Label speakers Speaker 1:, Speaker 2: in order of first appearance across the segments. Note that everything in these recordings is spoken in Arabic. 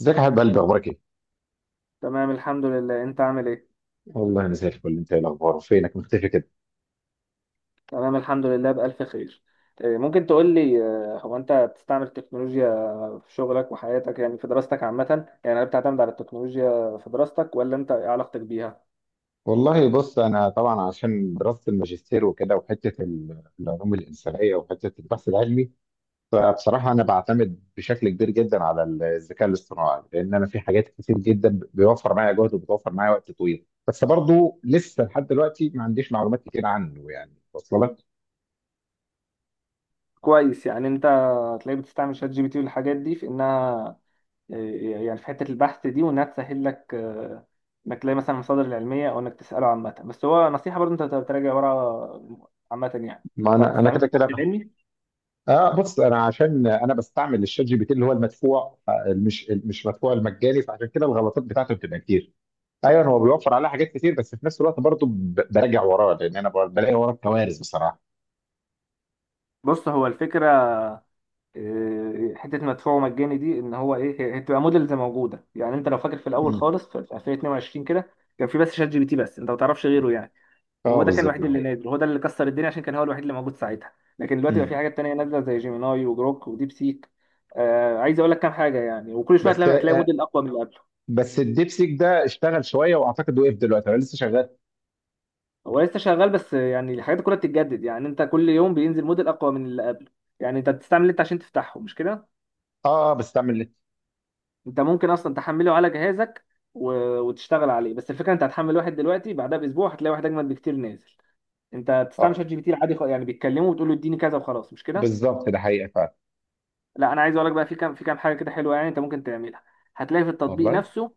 Speaker 1: ازيك يا حبيب قلبي اخبارك ايه؟
Speaker 2: تمام الحمد لله، انت عامل ايه؟
Speaker 1: والله انا زي الفل. انت ايه الاخبار؟ فينك مختفي كده؟
Speaker 2: تمام الحمد لله بألف خير. ممكن تقول لي، هو انت بتستعمل التكنولوجيا في شغلك وحياتك، يعني في دراستك عامة؟ يعني هل بتعتمد على التكنولوجيا في دراستك، ولا انت ايه علاقتك بيها؟
Speaker 1: والله بص، انا طبعا عشان دراسه الماجستير وكده وحته العلوم الانسانيه وحته البحث العلمي، فبصراحه انا بعتمد بشكل كبير جدا على الذكاء الاصطناعي، لان انا في حاجات كتير جدا بيوفر معايا جهد وبتوفر معايا وقت طويل، بس برضو لسه لحد دلوقتي ما عنديش معلومات كتير عنه، يعني واصله لك؟
Speaker 2: كويس. يعني انت هتلاقيك بتستعمل شات جي بي تي والحاجات دي في انها، يعني في حتة البحث دي، وانها تسهل لك، انك تلاقي مثلا المصادر العلمية، او انك تسأله عامة، بس هو نصيحة برضه انت تراجع ورا عامة يعني. انت
Speaker 1: ما
Speaker 2: ما
Speaker 1: انا
Speaker 2: بتستعملش
Speaker 1: كده
Speaker 2: البحث
Speaker 1: كده.
Speaker 2: العلمي.
Speaker 1: اه، بص، انا عشان انا بستعمل الشات جي بي تي اللي هو المدفوع، مش مدفوع، المجاني، فعشان كده الغلطات بتاعته بتبقى كتير. ايوه، هو بيوفر عليها حاجات كتير، بس في نفس الوقت برضه براجع وراه، لان انا بلاقي وراه كوارث بصراحه.
Speaker 2: بص، هو الفكرة حته مدفوع ومجاني دي، ان هو ايه، هي بتبقى موديلز موجوده. يعني انت لو فاكر في الاول
Speaker 1: مم.
Speaker 2: خالص في 2022 كده، كان في بس شات جي بي تي، بس انت ما تعرفش غيره يعني،
Speaker 1: اه
Speaker 2: وهو ده كان
Speaker 1: بالظبط،
Speaker 2: الوحيد
Speaker 1: ده
Speaker 2: اللي
Speaker 1: حقيقي.
Speaker 2: نازل، هو ده اللي كسر الدنيا عشان كان هو الوحيد اللي موجود ساعتها. لكن دلوقتي بقى في
Speaker 1: مم.
Speaker 2: حاجات تانية نازله زي جيميناي وجروك وديب سيك. آه، عايز اقول لك كام حاجه يعني، وكل شويه
Speaker 1: بس
Speaker 2: تلاقي موديل اقوى من اللي قبله.
Speaker 1: بس الديبسيك ده اشتغل شويه واعتقد وقف دلوقتي ولا لسه شغال؟
Speaker 2: هو لسه شغال، بس يعني الحاجات دي كلها بتتجدد، يعني انت كل يوم بينزل موديل اقوى من اللي قبله. يعني انت بتستعمل اللي انت عشان تفتحه، مش كده؟
Speaker 1: اه، بستعمل.
Speaker 2: انت ممكن اصلا تحمله على جهازك و... وتشتغل عليه، بس الفكره انت هتحمل واحد دلوقتي بعدها باسبوع هتلاقي واحد اجمد بكتير نازل. انت بتستعمل شات
Speaker 1: اه
Speaker 2: جي بي تي العادي، يعني بتكلمه وتقول له اديني كذا وخلاص، مش كده؟
Speaker 1: بالظبط، ده حقيقه فعلا.
Speaker 2: لا انا عايز اقول لك بقى في كام، في كام حاجه كده حلوه يعني انت ممكن تعملها. هتلاقي في التطبيق
Speaker 1: والله،
Speaker 2: نفسه،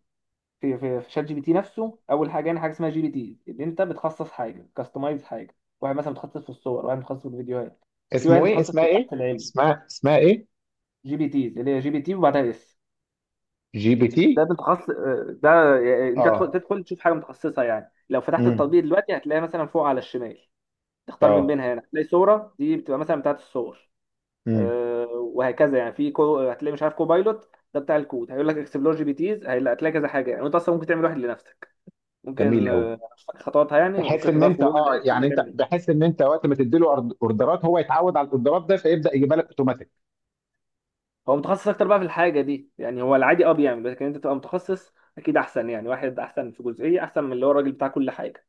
Speaker 2: في شات جي بي تي نفسه، اول حاجه يعني حاجه اسمها جي بي تي، اللي انت بتخصص حاجه، كاستمايز حاجه. واحد مثلا متخصص في الصور، واحد متخصص في الفيديوهات، في واحد
Speaker 1: اسمه ايه؟
Speaker 2: متخصص في
Speaker 1: اسمها
Speaker 2: البحث
Speaker 1: ايه
Speaker 2: العلمي.
Speaker 1: اسمها اسمها ايه؟
Speaker 2: جي بي تيز، اللي هي جي بي تي وبعدها اس،
Speaker 1: جي بي تي.
Speaker 2: ده متخصص. ده يعني انت تدخل
Speaker 1: اه.
Speaker 2: تدخل تشوف حاجه متخصصه، يعني لو فتحت
Speaker 1: امم
Speaker 2: التطبيق دلوقتي هتلاقي مثلا فوق على الشمال، تختار من
Speaker 1: اه.
Speaker 2: بينها. هنا هتلاقي صوره، دي بتبقى مثلا بتاعت الصور،
Speaker 1: امم
Speaker 2: آه، وهكذا يعني. هتلاقي مش عارف كوبايلوت ده بتاع الكود، هيقول لك اكسبلور جي بي تيز، هتلاقي كذا حاجه يعني، وانت اصلا ممكن تعمل واحد لنفسك.
Speaker 1: جميل
Speaker 2: ممكن،
Speaker 1: قوي.
Speaker 2: مش فاكر خطواتها يعني،
Speaker 1: بحيث
Speaker 2: ممكن
Speaker 1: ان
Speaker 2: تدور في
Speaker 1: انت
Speaker 2: جوجل يعني تشوف
Speaker 1: يعني
Speaker 2: هتعمل
Speaker 1: انت
Speaker 2: ايه.
Speaker 1: بحيث ان انت وقت ما تديله اوردرات هو يتعود على الاوردرات ده فيبدا يجيبها لك اوتوماتيك.
Speaker 2: هو متخصص اكتر بقى في الحاجه دي، يعني هو العادي اه بيعمل، لكن انت تبقى متخصص اكيد احسن، يعني واحد احسن في جزئيه احسن من اللي هو الراجل بتاع كل حاجه.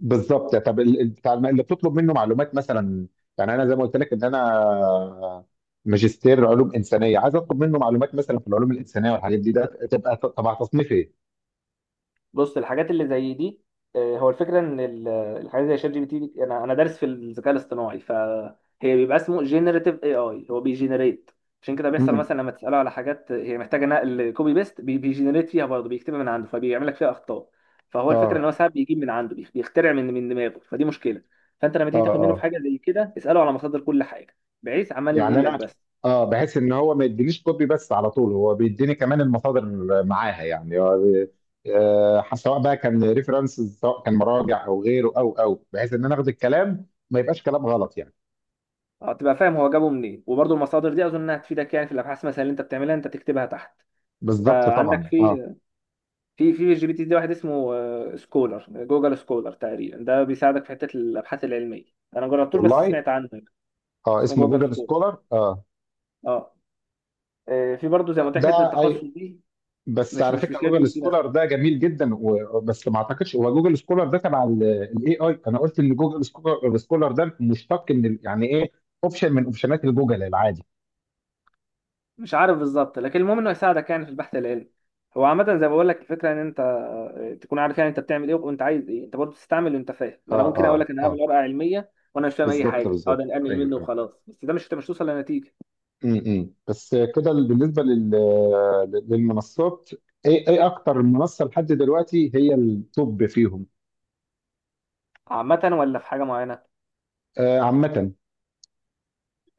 Speaker 1: بالظبط. طب بتاع اللي بتطلب منه معلومات مثلا، يعني انا زي ما قلت لك ان انا ماجستير علوم انسانيه، عايز اطلب منه معلومات مثلا في العلوم الانسانيه والحاجات دي، ده تبقى تبع تصنيف ايه؟
Speaker 2: بص، الحاجات اللي زي دي، هو الفكره الحاجات زي شات جي بي تي انا دارس في الذكاء الاصطناعي، فهي بيبقى اسمه جينيريتيف اي اي، هو بيجينيريت. عشان كده بيحصل
Speaker 1: امم
Speaker 2: مثلا لما تساله على حاجات هي محتاجه نقل كوبي بيست، بيجينيريت فيها برضه، بيكتبها من عنده، فبيعمل لك فيها اخطاء. فهو الفكره ان هو
Speaker 1: اه
Speaker 2: ساعات بيجيب من عنده، بيخترع من دماغه، فدي مشكله. فانت لما
Speaker 1: اه
Speaker 2: تيجي تاخد منه في
Speaker 1: اه.
Speaker 2: حاجه زي كده، اساله على مصادر كل حاجه، بحيث عمال
Speaker 1: يعني
Speaker 2: ينقل لك
Speaker 1: انا،
Speaker 2: بس.
Speaker 1: اه، بحس ان هو ما يدينيش كوبي بس، على طول هو بيديني كمان المصادر معاها، يعني هو سواء بقى كان ريفرنسز، سواء كان مراجع او غيره او بحيث ان انا اخد الكلام ما يبقاش كلام غلط يعني.
Speaker 2: اه، تبقى فاهم هو جابه منين، وبرضه المصادر دي اظن انها تفيدك يعني في الابحاث مثلا اللي انت بتعملها، انت تكتبها تحت.
Speaker 1: بالظبط
Speaker 2: فعندك
Speaker 1: طبعا،
Speaker 2: في
Speaker 1: اه.
Speaker 2: في في جي بي تي ده واحد اسمه، سكولر، جوجل سكولر تقريبا، ده بيساعدك في حته الابحاث العلميه. انا جربتوش بس
Speaker 1: والله،
Speaker 2: سمعت عنه يعني.
Speaker 1: اه،
Speaker 2: اسمه
Speaker 1: اسمه
Speaker 2: جوجل
Speaker 1: جوجل
Speaker 2: سكولر،
Speaker 1: سكولر، اه.
Speaker 2: اه. في برضه زي ما قلت لك حته
Speaker 1: ده
Speaker 2: التخصص
Speaker 1: اي،
Speaker 2: دي،
Speaker 1: بس
Speaker 2: مش
Speaker 1: على
Speaker 2: مش
Speaker 1: فكره
Speaker 2: مش جي
Speaker 1: جوجل
Speaker 2: بي تي بس.
Speaker 1: سكولر ده جميل جدا، بس ما اعتقدش هو جوجل سكولر ده تبع الاي اي، انا قلت ان جوجل سكولر ده مشتق من يعني ايه، اوبشن من اوبشنات الجوجل العادي.
Speaker 2: مش عارف بالظبط، لكن المهم انه يساعدك يعني في البحث العلمي. هو عامة زي ما بقول لك، الفكرة إن أنت تكون عارف يعني أنت بتعمل إيه وأنت عايز إيه، أنت برضه تستعمل اللي أنت فاهم.
Speaker 1: اه
Speaker 2: ما أنا ممكن أقول
Speaker 1: اه
Speaker 2: لك أنا
Speaker 1: اه،
Speaker 2: هعمل ورقة علمية وأنا مش فاهم أي
Speaker 1: بالظبط
Speaker 2: حاجة، أقعد
Speaker 1: بالظبط،
Speaker 2: أنقل
Speaker 1: ايوه
Speaker 2: منه
Speaker 1: ايوه.
Speaker 2: وخلاص، بس ده مش توصل لنتيجة.
Speaker 1: بس كده، بالنسبه للمنصات، ايه اكتر منصه لحد دلوقتي هي التوب فيهم؟
Speaker 2: عامة، ولا في حاجة معينة؟
Speaker 1: آه، عامه.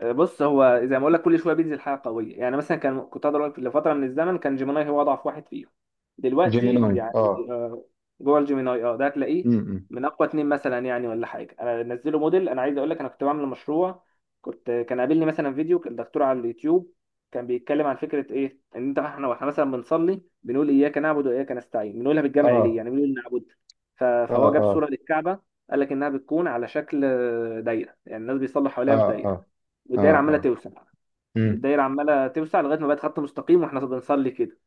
Speaker 2: بص هو زي ما اقول لك، كل شويه بينزل حاجه قويه، يعني مثلا كنت اقدر اقول لك لفتره من الزمن كان جيميناي هو اضعف واحد فيهم، دلوقتي
Speaker 1: جيميناي،
Speaker 2: يعني،
Speaker 1: اه.
Speaker 2: جوه الجيميناي اه، ده هتلاقيه
Speaker 1: امم
Speaker 2: من اقوى 2 مثلا، يعني ولا حاجه، انا نزله موديل. انا عايز اقول لك، انا كنت بعمل مشروع، كان قابلني مثلا فيديو، كان دكتور على اليوتيوب كان بيتكلم عن فكره، ايه ان انت، احنا واحنا مثلا بنصلي بنقول اياك نعبد واياك نستعين، بنقولها بالجمع ليه؟
Speaker 1: اه
Speaker 2: يعني بنقول نعبد. ف-
Speaker 1: اه
Speaker 2: فهو جاب
Speaker 1: اه
Speaker 2: صوره للكعبه، قال لك انها بتكون على شكل دايره، يعني الناس بيصلوا حواليها في
Speaker 1: اه اه
Speaker 2: دايره،
Speaker 1: اه
Speaker 2: والدايره عماله
Speaker 1: اه.
Speaker 2: توسع.
Speaker 1: امم
Speaker 2: الدايره عماله توسع لغايه ما بقت خط مستقيم، واحنا بنصلي كده.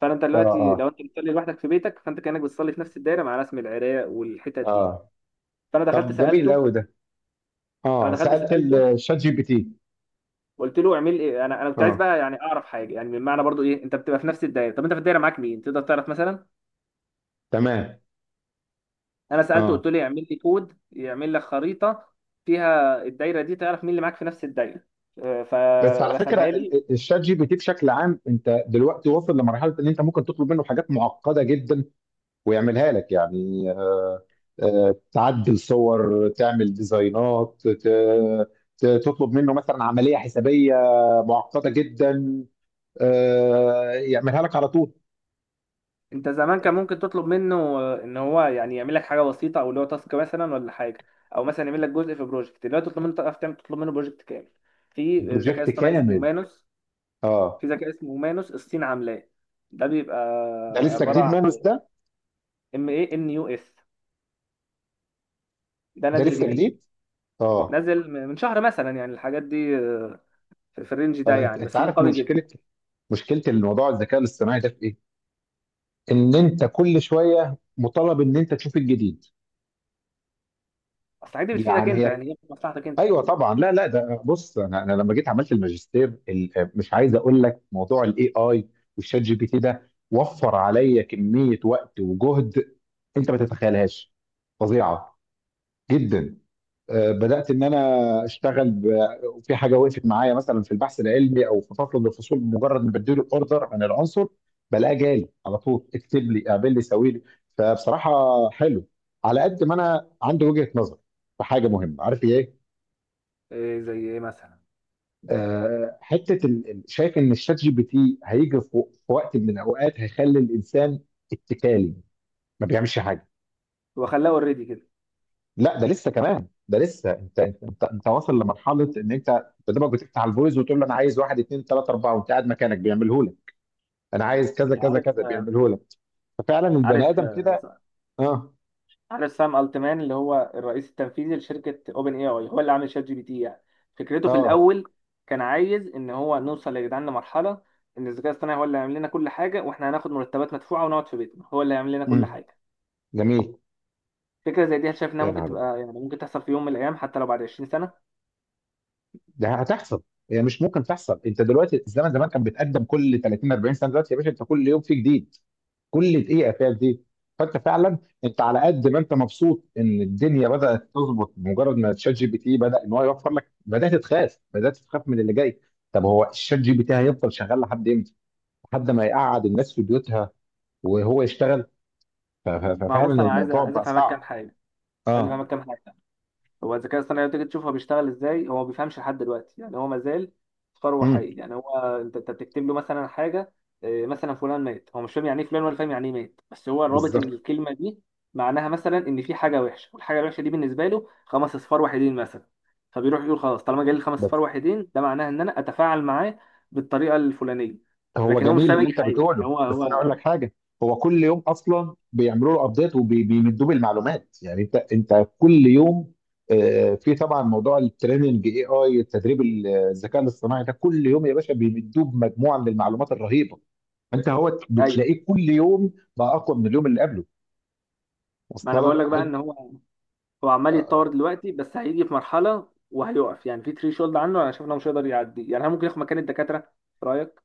Speaker 2: فانت
Speaker 1: اه
Speaker 2: دلوقتي
Speaker 1: اه
Speaker 2: لو انت بتصلي لوحدك في بيتك، فانت كانك بتصلي في نفس الدايره مع رسم العراق والحتت دي.
Speaker 1: اه.
Speaker 2: فانا دخلت
Speaker 1: طب جميل
Speaker 2: سالته،
Speaker 1: قوي ده.
Speaker 2: انا
Speaker 1: اه،
Speaker 2: دخلت
Speaker 1: سألت
Speaker 2: سالته،
Speaker 1: الشات جي بي تي.
Speaker 2: قلت له اعمل ايه، انا كنت عايز
Speaker 1: اه
Speaker 2: بقى يعني اعرف حاجه، يعني من معنى برضو ايه انت بتبقى في نفس الدايره، طب انت في الدايره معاك مين، تقدر تعرف مثلا.
Speaker 1: تمام.
Speaker 2: انا سالته
Speaker 1: اه،
Speaker 2: قلت له اعمل لي كود يعمل لك خريطه، فيها الدايره دي تعرف مين اللي معاك في نفس الدايره. آه،
Speaker 1: بس على فكره
Speaker 2: فرسمها لي.
Speaker 1: الشات جي بي تي بشكل عام، انت دلوقتي واصل لمرحله ان انت ممكن تطلب منه حاجات معقده جدا ويعملها لك، يعني تعدل صور، تعمل ديزاينات، تطلب منه مثلا عملية حسابية معقدة جدا، يعملها لك على طول.
Speaker 2: انت زمان كان ممكن تطلب منه، ان هو يعني يعمل لك حاجه بسيطه، او اللي هو تاسك مثلا ولا حاجه، او مثلا يعمل لك جزء في بروجكت. دلوقتي تطلب منه، تعرف تعمل، تطلب منه بروجكت كامل. في ذكاء
Speaker 1: بروجكت
Speaker 2: اصطناعي اسمه
Speaker 1: كامل.
Speaker 2: مانوس،
Speaker 1: اه.
Speaker 2: في ذكاء اسمه مانوس الصين عاملاه. ده بيبقى
Speaker 1: ده لسه
Speaker 2: عباره
Speaker 1: جديد
Speaker 2: عن
Speaker 1: مانوس ده؟
Speaker 2: ام اي ان يو اس. ده
Speaker 1: ده
Speaker 2: نازل
Speaker 1: لسه
Speaker 2: جديد،
Speaker 1: جديد. اه.
Speaker 2: نازل من شهر مثلا، يعني الحاجات دي في الرينج ده
Speaker 1: انت
Speaker 2: يعني،
Speaker 1: انت
Speaker 2: بس ده
Speaker 1: عارف
Speaker 2: قوي جدا.
Speaker 1: مشكلة، الموضوع الذكاء الاصطناعي ده في ايه؟ ان انت كل شوية مطالب ان انت تشوف الجديد.
Speaker 2: اصل الحاجات دي بتفيدك
Speaker 1: يعني
Speaker 2: انت
Speaker 1: هي،
Speaker 2: يعني، هي في مصلحتك انت.
Speaker 1: ايوه طبعا. لا لا، ده بص، انا لما جيت عملت الماجستير مش عايز اقول لك، موضوع الاي اي والشات جي بي تي ده وفر عليا كميه وقت وجهد انت ما تتخيلهاش، فظيعه جدا. بدات ان انا اشتغل في حاجه وقفت معايا مثلا في البحث العلمي او في فصل من الفصول، مجرد ما بديله الاوردر عن العنصر بلاقيه جالي على طول اكتب لي، اعمل لي، سوي لي. فبصراحه حلو. على قد ما انا عندي وجهه نظر في حاجه مهمه، عارف ايه؟
Speaker 2: إيه زي ايه مثلا؟
Speaker 1: حته شايف ان الشات جي بي تي هيجي في في وقت من الاوقات هيخلي الانسان اتكالي، ما بيعملش حاجه.
Speaker 2: هو خلاه اوريدي كده.
Speaker 1: لا، ده لسه، كمان ده لسه، انت انت انت أنت واصل لمرحله ان انت قدامك بتفتح الفويس وتقول له انا عايز واحد اثنين ثلاثه اربعه، وانت قاعد مكانك بيعمله لك. انا عايز كذا
Speaker 2: انت
Speaker 1: كذا
Speaker 2: عارف،
Speaker 1: كذا بيعمله لك. ففعلا البني
Speaker 2: عارف،
Speaker 1: ادم كده. اه
Speaker 2: عارف سام التمان، اللي هو الرئيس التنفيذي لشركه اوبن اي اي، هو اللي عامل شات جي بي تي يعني. فكرته في
Speaker 1: اه.
Speaker 2: الاول كان عايز ان هو نوصل يا جدعان لمرحله ان الذكاء الاصطناعي هو اللي هيعمل لنا كل حاجه، واحنا هناخد مرتبات مدفوعه ونقعد في بيتنا، هو اللي هيعمل لنا كل
Speaker 1: امم
Speaker 2: حاجه.
Speaker 1: جميل.
Speaker 2: فكره زي دي، هل شايف انها
Speaker 1: يا
Speaker 2: ممكن
Speaker 1: نهار ابيض،
Speaker 2: تبقى يعني، ممكن تحصل في يوم من الايام حتى لو بعد 20 سنه؟
Speaker 1: ده هتحصل؟ هي مش ممكن تحصل؟ انت دلوقتي الزمن زمان كان بيتقدم كل 30 40 سنه، دلوقتي يا باشا انت كل يوم في جديد، كل دقيقه فيها زيت. فانت فعلا، انت على قد ما انت مبسوط ان الدنيا بدات تظبط بمجرد ما تشات جي بي تي بدا ان هو يوفر لك، بدات تخاف، من اللي جاي. طب هو الشات جي بي تي هيفضل شغال لحد امتى؟ لحد ما يقعد الناس في بيوتها وهو يشتغل.
Speaker 2: ما هو بص،
Speaker 1: ففعلا
Speaker 2: انا عايز
Speaker 1: الموضوع
Speaker 2: عايز
Speaker 1: بقى
Speaker 2: افهمك كام
Speaker 1: صعب.
Speaker 2: حاجه، عايز
Speaker 1: اه.
Speaker 2: افهمك كام حاجه. هو الذكاء الاصطناعي لما تيجي تشوفه بيشتغل ازاي، هو ما بيفهمش لحد دلوقتي يعني، هو ما زال ثروه
Speaker 1: امم
Speaker 2: حي، يعني هو، انت بتكتب له مثلا حاجه، مثلا فلان مات، هو مش فاهم يعني ايه فلان، ولا فاهم يعني ايه مات، بس هو رابط ان
Speaker 1: بالظبط.
Speaker 2: الكلمه دي معناها مثلا ان في حاجه وحشه، والحاجه الوحشه دي بالنسبه له خمس اصفار وحيدين مثلا، فبيروح يقول خلاص طالما جالي خمس اصفار وحيدين، ده معناها ان انا اتفاعل معاه بالطريقه الفلانيه.
Speaker 1: هو
Speaker 2: لكن هو مش
Speaker 1: جميل
Speaker 2: فاهم
Speaker 1: اللي
Speaker 2: اي
Speaker 1: انت
Speaker 2: حاجه يعني،
Speaker 1: بتقوله،
Speaker 2: هو
Speaker 1: بس انا اقول
Speaker 2: هو
Speaker 1: لك حاجه، هو كل يوم اصلا بيعملوا له ابديت وبيمدوه بالمعلومات، يعني انت كل يوم، في طبعا موضوع التريننج، اي اي التدريب، الذكاء الاصطناعي ده كل يوم يا باشا بيمدوه بمجموعه من المعلومات الرهيبه، انت هو
Speaker 2: ايوه.
Speaker 1: بتلاقيه كل يوم بقى اقوى من اليوم اللي قبله.
Speaker 2: ما انا
Speaker 1: وصل
Speaker 2: بقول لك
Speaker 1: لك
Speaker 2: بقى ان هو، هو عمال يتطور دلوقتي، بس هيجي في مرحله وهيقف، يعني في ثري شولد عنه، انا شايف انه مش هيقدر يعدي. يعني هل ممكن ياخد مكان الدكاتره في رايك؟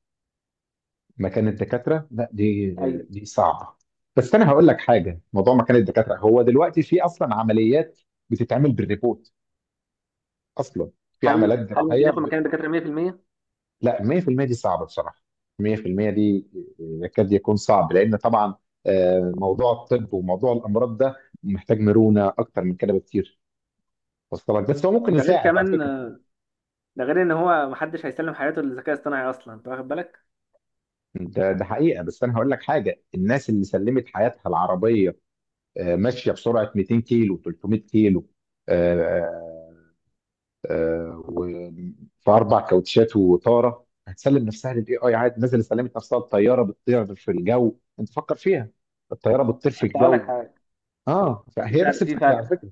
Speaker 1: مكان الدكاتره؟ لا دي،
Speaker 2: ايوه.
Speaker 1: دي صعبه. بس انا هقول لك حاجه، موضوع مكان الدكاتره، هو دلوقتي في اصلا عمليات بتتعمل بالريبوت اصلا، في عمليات
Speaker 2: هل ممكن
Speaker 1: جراحيه
Speaker 2: ياخد مكان الدكاتره 100%؟
Speaker 1: لا، 100% دي صعبه بصراحه. 100% دي يكاد يكون صعب، لان طبعا موضوع الطب وموضوع الامراض ده محتاج مرونه اكتر من كده بكتير. وصلت، بس هو ممكن
Speaker 2: وده غير
Speaker 1: يساعد على
Speaker 2: كمان،
Speaker 1: فكره.
Speaker 2: ده غير ان هو محدش هيسلم حياته للذكاء الاصطناعي اصلا، انت واخد بالك؟
Speaker 1: ده حقيقه. بس انا هقول لك حاجه، الناس اللي سلمت حياتها العربيه ماشيه بسرعه 200 كيلو 300 كيلو، آه، آه، آه، وفي اربع كاوتشات وطاره، هتسلم نفسها للاي اي عادي، نزل سلمت نفسها، الطياره بتطير في الجو انت فكر فيها، الطياره بتطير في
Speaker 2: كنت هقول لك
Speaker 1: الجو.
Speaker 2: حاجه.
Speaker 1: اه
Speaker 2: في
Speaker 1: فهي نفس
Speaker 2: فرق في
Speaker 1: الفكره على
Speaker 2: فرق
Speaker 1: فكره.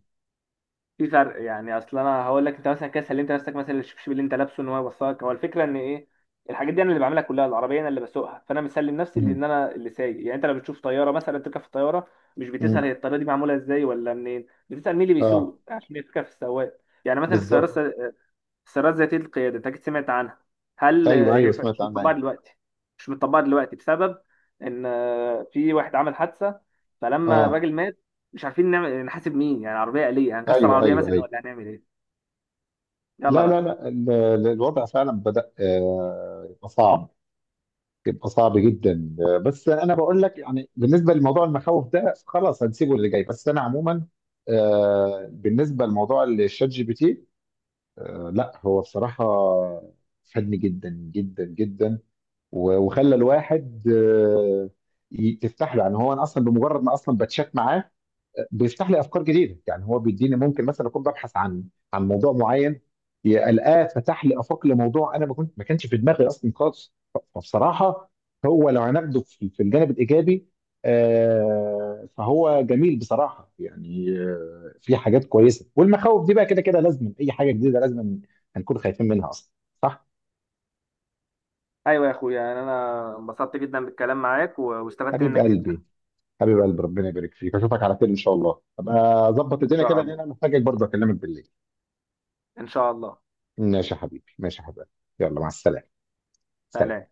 Speaker 2: في فرق. يعني اصل انا هقول لك، انت مثلا كده سلمت نفسك مثلا الشبشب اللي انت لابسه ان هو يوصلك. هو الفكره ان ايه، الحاجات دي انا اللي بعملها كلها، العربيه انا اللي بسوقها، فانا مسلم نفسي
Speaker 1: مم.
Speaker 2: لان انا اللي سايق يعني. انت لو بتشوف طياره مثلا، تركب في الطياره، مش
Speaker 1: مم.
Speaker 2: بتسال هي الطياره دي معموله ازاي ولا منين، بتسال مين اللي
Speaker 1: اه
Speaker 2: بيسوق، عشان يفكر في السواق يعني، مثلا السياره.
Speaker 1: بالظبط.
Speaker 2: السيارات ذاتية القيادة أنت أكيد سمعت عنها. هل
Speaker 1: ايوه ايوه،
Speaker 2: هي
Speaker 1: سمعت
Speaker 2: مش
Speaker 1: عنها
Speaker 2: متطبقة
Speaker 1: ايوه.
Speaker 2: دلوقتي، مش متطبقة دلوقتي بسبب إن في واحد عمل حادثة، فلما
Speaker 1: اه.
Speaker 2: الراجل مات مش عارفين نعمل نحاسب مين، يعني عربية آلية هنكسر
Speaker 1: ايوه
Speaker 2: العربية
Speaker 1: ايوه
Speaker 2: مثلا،
Speaker 1: ايوه.
Speaker 2: ولا هنعمل إيه؟ يلا
Speaker 1: لا لا
Speaker 2: بقى.
Speaker 1: لا، الوضع فعلا بدأ يبقى صعب، بيبقى صعب جدا. بس انا بقول لك يعني، بالنسبه لموضوع المخاوف ده خلاص هنسيبه اللي جاي، بس انا عموما، بالنسبه لموضوع الشات جي بي تي، لا هو بصراحه فادني جدا جدا جدا، وخلى الواحد، تفتح له، يعني هو انا اصلا بمجرد ما اصلا بتشات معاه بيفتح لي افكار جديده، يعني هو بيديني، ممكن مثلا اكون ببحث عن موضوع معين، القاه فتح لي افاق لموضوع انا ما كانش في دماغي اصلا خالص. فبصراحه، هو لو هناخده في الجانب الايجابي، فهو جميل بصراحه يعني، في حاجات كويسه، والمخاوف دي بقى كده كده لازم، اي حاجه جديده لازم هنكون خايفين منها اصلا، صح؟
Speaker 2: أيوة يا أخويا، يعني أنا انبسطت جدا بالكلام معاك، واستفدت
Speaker 1: حبيب
Speaker 2: منك جدا.
Speaker 1: قلبي. ربنا يبارك فيك، اشوفك على خير ان شاء الله، ابقى اظبط
Speaker 2: إن
Speaker 1: الدنيا
Speaker 2: شاء
Speaker 1: كده لان
Speaker 2: الله.
Speaker 1: انا محتاجك، برضه اكلمك بالليل.
Speaker 2: إن شاء الله.
Speaker 1: ماشي يا حبيبي، ماشي يا حبيبي، يلا مع السلامة. سلام.
Speaker 2: سلام.